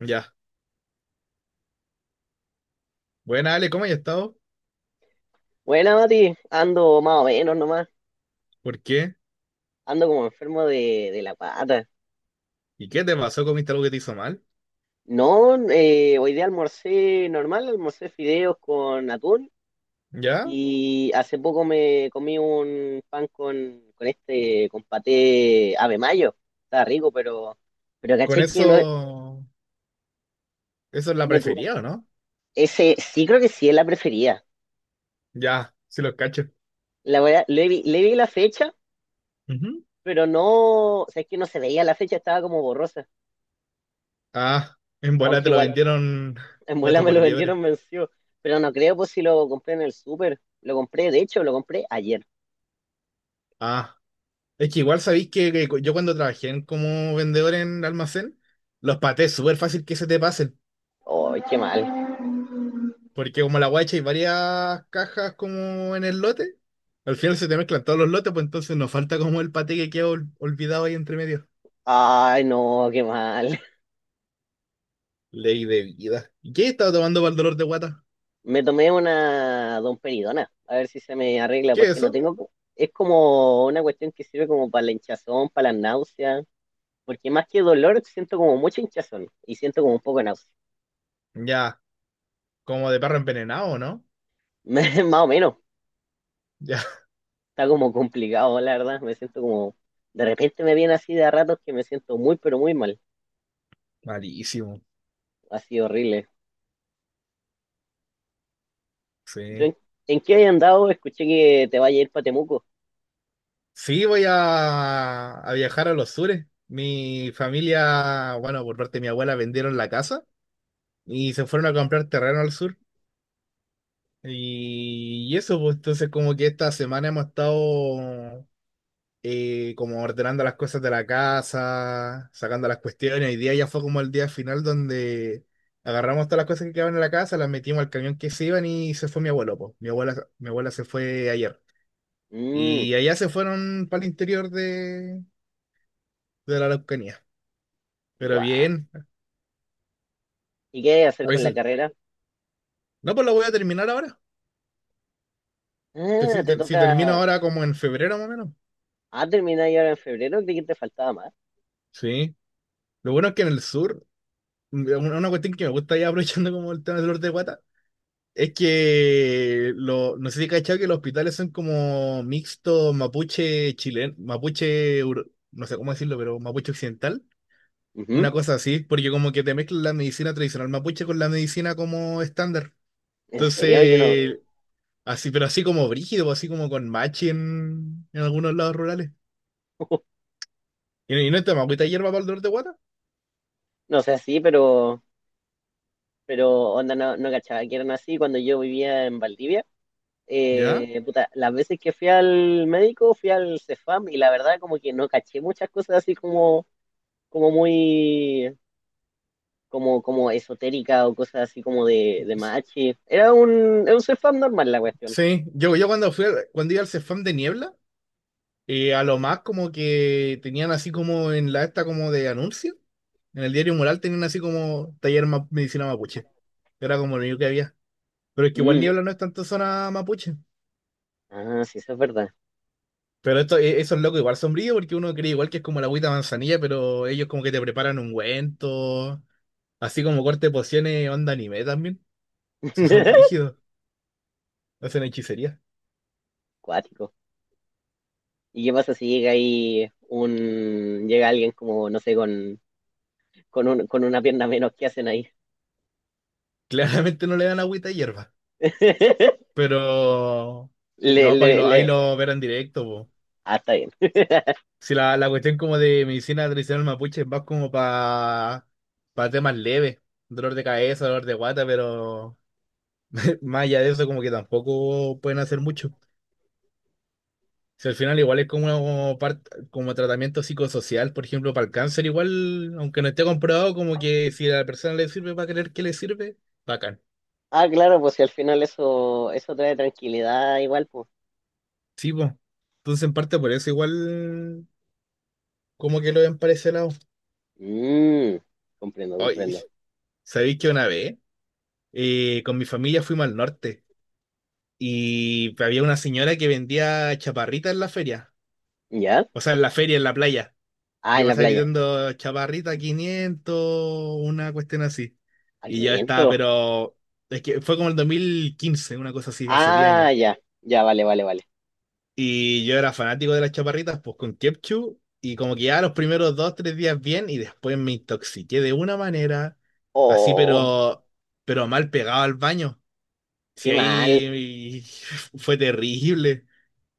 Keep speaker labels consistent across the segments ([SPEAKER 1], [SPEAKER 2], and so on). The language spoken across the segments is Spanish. [SPEAKER 1] Ya. Buena, Ale, ¿cómo has estado?
[SPEAKER 2] Buena, Mati, ando más o menos nomás,
[SPEAKER 1] ¿Por qué?
[SPEAKER 2] ando como enfermo de la pata.
[SPEAKER 1] ¿Y qué te pasó? ¿Comiste algo que te hizo mal?
[SPEAKER 2] No, hoy día almorcé normal, almorcé fideos con atún
[SPEAKER 1] ¿Ya?
[SPEAKER 2] y hace poco me comí un pan con este, con paté ave mayo. Está rico, pero
[SPEAKER 1] Con
[SPEAKER 2] caché que no,
[SPEAKER 1] eso. Eso es la
[SPEAKER 2] no
[SPEAKER 1] preferida,
[SPEAKER 2] es-
[SPEAKER 1] ¿o no?
[SPEAKER 2] ese sí creo que sí es la preferida.
[SPEAKER 1] Ya, sí los cacho.
[SPEAKER 2] La verdad, le vi la fecha,
[SPEAKER 1] Ujú.
[SPEAKER 2] pero no, o sea, es que no se veía la fecha, estaba como borrosa.
[SPEAKER 1] Ah, en bola
[SPEAKER 2] Aunque
[SPEAKER 1] te lo
[SPEAKER 2] igual.
[SPEAKER 1] vendieron
[SPEAKER 2] En bola
[SPEAKER 1] gato
[SPEAKER 2] me
[SPEAKER 1] por
[SPEAKER 2] lo
[SPEAKER 1] liebre.
[SPEAKER 2] vendieron vencido. Pero no creo, pues si lo compré en el súper. Lo compré, de hecho, lo compré ayer.
[SPEAKER 1] Ah, es que igual sabéis que yo cuando trabajé como vendedor en almacén, los patés súper fácil que se te pasen.
[SPEAKER 2] Ay, qué mal.
[SPEAKER 1] Porque como la guacha hay varias cajas como en el lote, al final se te mezclan todos los lotes, pues entonces nos falta como el paté que queda olvidado ahí entre medio.
[SPEAKER 2] Ay, no, qué mal.
[SPEAKER 1] Ley de vida. ¿Y qué estaba tomando para el dolor de guata?
[SPEAKER 2] Me tomé una domperidona, a ver si se me arregla,
[SPEAKER 1] ¿Qué es
[SPEAKER 2] porque no
[SPEAKER 1] eso?
[SPEAKER 2] tengo... Es como una cuestión que sirve como para la hinchazón, para la náusea, porque más que dolor siento como mucha hinchazón y siento como un poco de náusea.
[SPEAKER 1] Ya, como de perro envenenado, ¿no?
[SPEAKER 2] Más o menos,
[SPEAKER 1] Ya,
[SPEAKER 2] está como complicado, la verdad. Me siento como... De repente me viene así de a ratos que me siento muy, pero muy mal.
[SPEAKER 1] malísimo.
[SPEAKER 2] Así horrible. ¿Y tú
[SPEAKER 1] Sí.
[SPEAKER 2] en qué has andado? Escuché que te vaya a ir para Temuco.
[SPEAKER 1] Sí, voy a viajar a los sures. Mi familia, bueno, por parte de mi abuela, vendieron la casa y se fueron a comprar terreno al sur. Y eso, pues entonces como que esta semana hemos estado como ordenando las cosas de la casa, sacando las cuestiones. Hoy día ya fue como el día final donde agarramos todas las cosas que quedaban en la casa, las metimos al camión que se iban y se fue mi abuelo, po. Mi abuela se fue ayer.
[SPEAKER 2] Mmm,
[SPEAKER 1] Y allá se fueron para el interior de la Araucanía. Pero
[SPEAKER 2] guau.
[SPEAKER 1] bien,
[SPEAKER 2] ¿Y qué hay que hacer con la
[SPEAKER 1] pues.
[SPEAKER 2] carrera?
[SPEAKER 1] No, pues lo voy a terminar ahora. Que
[SPEAKER 2] Ah,
[SPEAKER 1] si,
[SPEAKER 2] te
[SPEAKER 1] si termino
[SPEAKER 2] toca.
[SPEAKER 1] ahora como en febrero más o menos.
[SPEAKER 2] Ah, terminar ahora en febrero, creí que te faltaba más.
[SPEAKER 1] Sí. Lo bueno es que en el sur, una cuestión que me gusta ya aprovechando como el tema del norte de Guata, es que lo, no sé si cachado que los hospitales son como mixto mapuche chileno, mapuche, no sé cómo decirlo, pero mapuche occidental. Una
[SPEAKER 2] Ujú.
[SPEAKER 1] cosa así, porque como que te mezclan la medicina tradicional mapuche con la medicina como estándar.
[SPEAKER 2] En serio, yo no,
[SPEAKER 1] Entonces, así, pero así como brígido, pues, así como con machi en algunos lados rurales. Y no está mapuita hierba para el dolor de guata,
[SPEAKER 2] no sé así, pero onda, no, no cachaba que eran así cuando yo vivía en Valdivia.
[SPEAKER 1] ¿ya?
[SPEAKER 2] Eh, puta, las veces que fui al médico, fui al CEFAM y la verdad como que no caché muchas cosas así como, como muy como, como esotérica o cosas así como de machi. Era un ser fan normal la cuestión.
[SPEAKER 1] Sí, yo cuando fui, cuando iba al Cefam de Niebla, a lo más como que tenían así como en la esta como de anuncio. En el diario Mural tenían así como taller medicina mapuche. Era como lo único que había. Pero es que igual
[SPEAKER 2] Mm.
[SPEAKER 1] Niebla no es tanto zona mapuche.
[SPEAKER 2] Ah, sí, eso es verdad.
[SPEAKER 1] Pero esto, esos locos igual sombrío porque uno cree igual que es como la agüita de manzanilla, pero ellos como que te preparan ungüento, así como corte de pociones, onda anime también. Si son brígidos, hacen hechicería.
[SPEAKER 2] Cuático. ¿Y qué pasa si llega ahí un, llega alguien como, no sé, con, un, con una pierna menos, ¿qué hacen ahí?
[SPEAKER 1] Claramente no le dan agüita de hierba. Pero
[SPEAKER 2] Le,
[SPEAKER 1] no, pues
[SPEAKER 2] le, le.
[SPEAKER 1] ahí lo verán directo, po.
[SPEAKER 2] Ah, está bien.
[SPEAKER 1] Si la, la cuestión como de medicina tradicional mapuche va como para temas leves, dolor de cabeza, dolor de guata, pero más allá de eso como que tampoco pueden hacer mucho. Si al final igual es como, una parte, como tratamiento psicosocial, por ejemplo, para el cáncer igual, aunque no esté comprobado, como que si a la persona le sirve, va a creer que le sirve, bacán.
[SPEAKER 2] Ah, claro, pues si al final eso, eso trae tranquilidad igual, pues.
[SPEAKER 1] Sí, pues. Entonces en parte por eso igual como que lo ven para ese lado.
[SPEAKER 2] Mm, comprendo,
[SPEAKER 1] Ay,
[SPEAKER 2] comprendo.
[SPEAKER 1] ¿sabéis que una vez con mi familia fuimos al norte? Y había una señora que vendía chaparritas en la feria.
[SPEAKER 2] ¿Ya?
[SPEAKER 1] O sea, en la feria, en la playa.
[SPEAKER 2] Ah,
[SPEAKER 1] Yo
[SPEAKER 2] en la
[SPEAKER 1] pasaba
[SPEAKER 2] playa.
[SPEAKER 1] gritando chaparrita 500, una cuestión así.
[SPEAKER 2] A
[SPEAKER 1] Y yo estaba,
[SPEAKER 2] 500.
[SPEAKER 1] pero es que fue como el 2015, una cosa así, hace 10 años.
[SPEAKER 2] Ah, ya. Ya, vale, vale, vale.
[SPEAKER 1] Y yo era fanático de las chaparritas, pues con Kepchu. Y como que ya los primeros dos, 3 días bien, y después me intoxiqué de una manera, así,
[SPEAKER 2] Oh,
[SPEAKER 1] pero mal pegado al baño. Si
[SPEAKER 2] qué mal.
[SPEAKER 1] ahí fue terrible.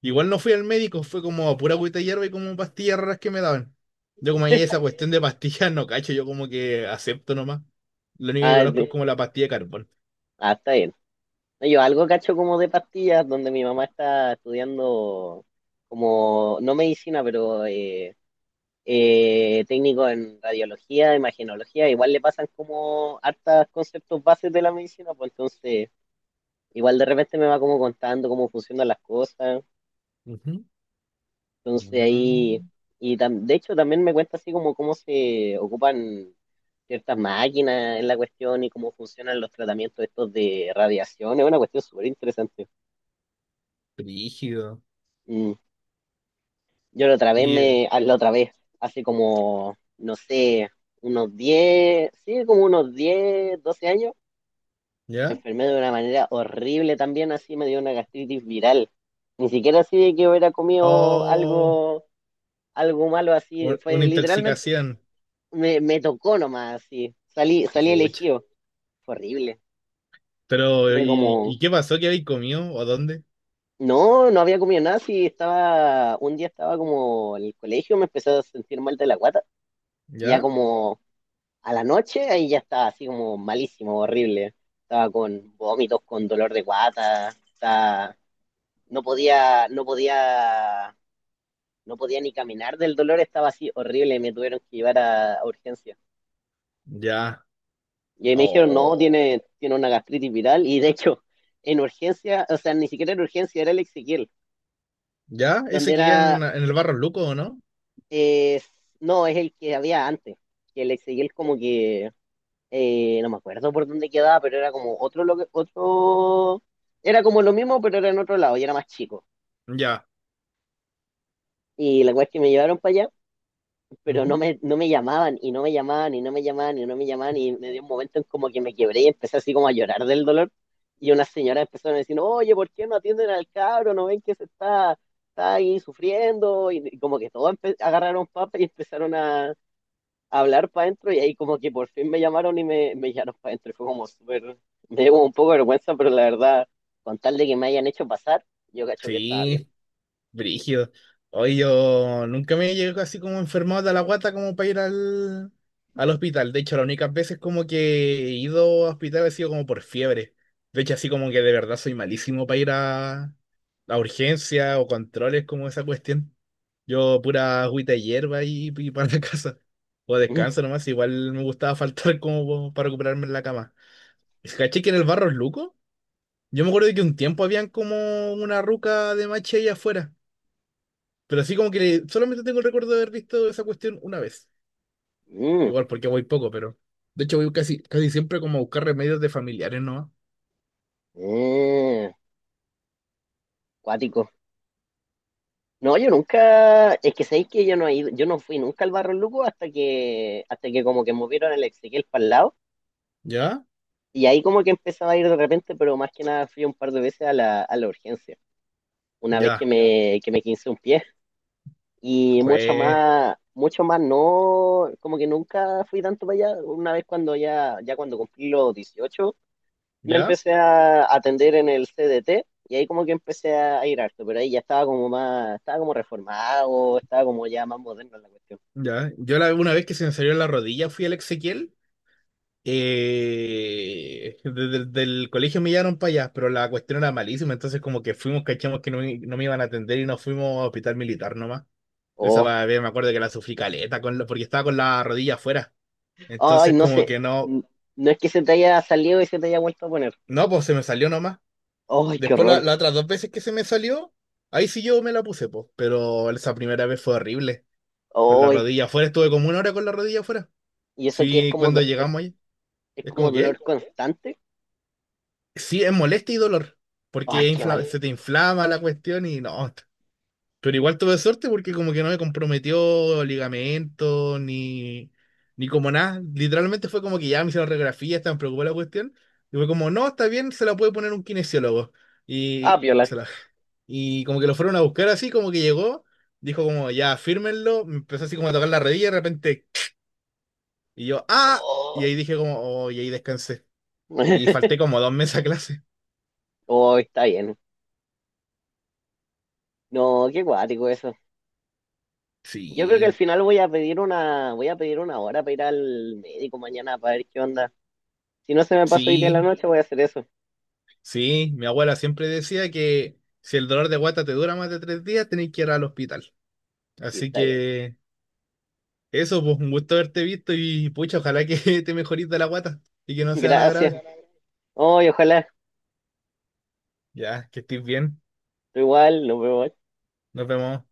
[SPEAKER 1] Igual no fui al médico, fue como pura agüita de hierba y como pastillas raras que me daban. Yo como ahí esa cuestión de pastillas no cacho, yo como que acepto nomás. Lo único que
[SPEAKER 2] Ah,
[SPEAKER 1] conozco es
[SPEAKER 2] de-
[SPEAKER 1] como la pastilla de carbón.
[SPEAKER 2] ah, está bien. No, yo algo cacho como de pastillas, donde mi mamá está estudiando como, no medicina, pero técnico en radiología, imagenología. Igual le pasan como hartas conceptos bases de la medicina, pues entonces igual de repente me va como contando cómo funcionan las cosas.
[SPEAKER 1] Ujú.
[SPEAKER 2] Entonces ahí,
[SPEAKER 1] Mm,
[SPEAKER 2] y de hecho también me cuenta así como cómo se ocupan ciertas máquinas en la cuestión y cómo funcionan los tratamientos estos de radiación. Es una cuestión súper interesante.
[SPEAKER 1] brígido.
[SPEAKER 2] Mm. Yo la otra vez
[SPEAKER 1] ¿Y
[SPEAKER 2] la otra vez, hace como, no sé, unos 10 sí, como unos 10, 12 años, me
[SPEAKER 1] ya?
[SPEAKER 2] enfermé de una manera horrible también, así me dio una gastritis viral. Ni siquiera así de que hubiera comido
[SPEAKER 1] Oh,
[SPEAKER 2] algo, algo malo así, fue
[SPEAKER 1] una
[SPEAKER 2] literalmente
[SPEAKER 1] intoxicación.
[SPEAKER 2] me tocó nomás, sí. Salí
[SPEAKER 1] Pucha.
[SPEAKER 2] elegido. Fue horrible.
[SPEAKER 1] Pero,
[SPEAKER 2] Tuve como.
[SPEAKER 1] y qué pasó? ¿Qué habéis comido? ¿O dónde?
[SPEAKER 2] No, no había comido nada, sí, estaba, un día estaba como en el colegio, me empecé a sentir mal de la guata, y ya
[SPEAKER 1] ¿Ya?
[SPEAKER 2] como a la noche, ahí ya estaba así como malísimo, horrible, estaba con vómitos, con dolor de guata, no podía, no podía, no podía ni caminar del dolor, estaba así horrible, me tuvieron que llevar a urgencia.
[SPEAKER 1] Ya.
[SPEAKER 2] Y ahí me dijeron, no,
[SPEAKER 1] Oh.
[SPEAKER 2] tiene una gastritis viral. Y de hecho, en urgencia, o sea, ni siquiera en urgencia, era el Ezequiel,
[SPEAKER 1] ¿Ya?
[SPEAKER 2] donde
[SPEAKER 1] ¿Ese que queda
[SPEAKER 2] era,
[SPEAKER 1] en el Barro Luco o no?
[SPEAKER 2] eh, no, es el que había antes. Que el Ezequiel como que, no me acuerdo por dónde quedaba, pero era como otro, lo otro, era como lo mismo, pero era en otro lado y era más chico.
[SPEAKER 1] Ya.
[SPEAKER 2] Y la cosa es que me llevaron para allá, pero no
[SPEAKER 1] Ujú.
[SPEAKER 2] me, no me llamaban y no me llamaban y no me llamaban y no me llamaban y me dio un momento en como que me quebré y empecé así como a llorar del dolor y una señora empezó a decir, oye, ¿por qué no atienden al cabro? ¿No ven que se está, está ahí sufriendo? Y como que todos agarraron papa y empezaron a hablar para adentro y ahí como que por fin me llamaron y me llamaron para adentro. Y fue como súper, me dio como un poco de vergüenza, pero la verdad, con tal de que me hayan hecho pasar, yo cacho que estaba bien.
[SPEAKER 1] Sí. Brígido. Hoy yo nunca me llego así como enfermado de la guata como para ir al, al hospital. De hecho, las únicas veces como que he ido a hospital ha sido como por fiebre. De hecho, así como que de verdad soy malísimo para ir a urgencia o controles como esa cuestión. Yo pura agüita de hierba y para la casa. O descanso nomás, igual me gustaba faltar como para recuperarme en la cama. ¿Caché que en el barro es luco? Yo me acuerdo de que un tiempo habían como una ruca de mache ahí afuera. Pero así como que solamente tengo el recuerdo de haber visto esa cuestión una vez.
[SPEAKER 2] Mm,
[SPEAKER 1] Igual porque voy poco, pero. De hecho, voy casi, casi siempre como a buscar remedios de familiares nomás.
[SPEAKER 2] mm, mm, cuático. No, yo nunca, es que sabéis que yo no he ido, yo no fui nunca al Barro Luco hasta que como que movieron el Ezequiel para el lado,
[SPEAKER 1] ¿Ya?
[SPEAKER 2] y ahí como que empezaba a ir de repente, pero más que nada fui un par de veces a la urgencia, una vez que
[SPEAKER 1] Ya.
[SPEAKER 2] me, que me quince un pie, y
[SPEAKER 1] Jue.
[SPEAKER 2] mucho más no, como que nunca fui tanto para allá, una vez cuando ya, ya cuando cumplí los 18 me
[SPEAKER 1] ¿Ya?
[SPEAKER 2] empecé a atender en el CDT, y ahí como que empecé a ir harto, pero ahí ya estaba como más, estaba como reformado, estaba como ya más moderno en la cuestión.
[SPEAKER 1] Ya. Yo la, una vez que se me salió la rodilla fui al Ezequiel. Desde el del colegio me llevaron para allá, pero la cuestión era malísima, entonces como que fuimos, cachamos que no, no me iban a atender y nos fuimos a hospital militar nomás. Esa
[SPEAKER 2] Oh,
[SPEAKER 1] me acuerdo que la sufrí caleta con porque estaba con la rodilla afuera.
[SPEAKER 2] ay,
[SPEAKER 1] Entonces
[SPEAKER 2] no
[SPEAKER 1] como
[SPEAKER 2] sé.
[SPEAKER 1] que no,
[SPEAKER 2] N- No es que se te haya salido y se te haya vuelto a poner.
[SPEAKER 1] no, pues se me salió nomás.
[SPEAKER 2] Ay, qué
[SPEAKER 1] Después
[SPEAKER 2] horror.
[SPEAKER 1] las otras dos veces que se me salió, ahí sí yo me la puse, pues. Pero esa primera vez fue horrible. Con la
[SPEAKER 2] Ay,
[SPEAKER 1] rodilla afuera, estuve como una hora con la rodilla afuera.
[SPEAKER 2] y eso que es
[SPEAKER 1] Sí,
[SPEAKER 2] como,
[SPEAKER 1] cuando llegamos ahí,
[SPEAKER 2] es
[SPEAKER 1] es
[SPEAKER 2] como
[SPEAKER 1] como
[SPEAKER 2] dolor
[SPEAKER 1] que,
[SPEAKER 2] constante.
[SPEAKER 1] sí, es molestia y dolor.
[SPEAKER 2] Ay,
[SPEAKER 1] Porque
[SPEAKER 2] qué mal.
[SPEAKER 1] se te inflama la cuestión y no, pero igual tuve suerte porque como que no me comprometió ligamento ni, ni como nada. Literalmente fue como que ya me hicieron radiografía, estaban preocupada la cuestión. Y fue como, no, está bien, se la puede poner un kinesiólogo.
[SPEAKER 2] Ah,
[SPEAKER 1] Y,
[SPEAKER 2] piola.
[SPEAKER 1] se la, y como que lo fueron a buscar así, como que llegó, dijo como, ya, fírmenlo. Me empezó así como a tocar la rodilla y de repente, y yo, ah, y
[SPEAKER 2] Oh.
[SPEAKER 1] ahí dije como, oh, y ahí descansé. Y falté como 2 meses a clase.
[SPEAKER 2] Oh, está bien. No, qué guático eso. Yo creo que al
[SPEAKER 1] Sí,
[SPEAKER 2] final voy a pedir una, voy a pedir una hora para ir al médico mañana para ver qué onda. Si no se me pasa hoy día en la
[SPEAKER 1] sí.
[SPEAKER 2] noche, voy a hacer eso.
[SPEAKER 1] Sí, mi abuela siempre decía que si el dolor de guata te dura más de 3 días, tenés que ir al hospital.
[SPEAKER 2] Sí,
[SPEAKER 1] Así
[SPEAKER 2] está bien.
[SPEAKER 1] que eso, pues un gusto haberte visto y pucha, ojalá que te mejorís de la guata y que no sea nada
[SPEAKER 2] Gracias.
[SPEAKER 1] grave.
[SPEAKER 2] Ay, ojalá.
[SPEAKER 1] Ya, que estés bien.
[SPEAKER 2] Igual, nos vemos.
[SPEAKER 1] Nos vemos.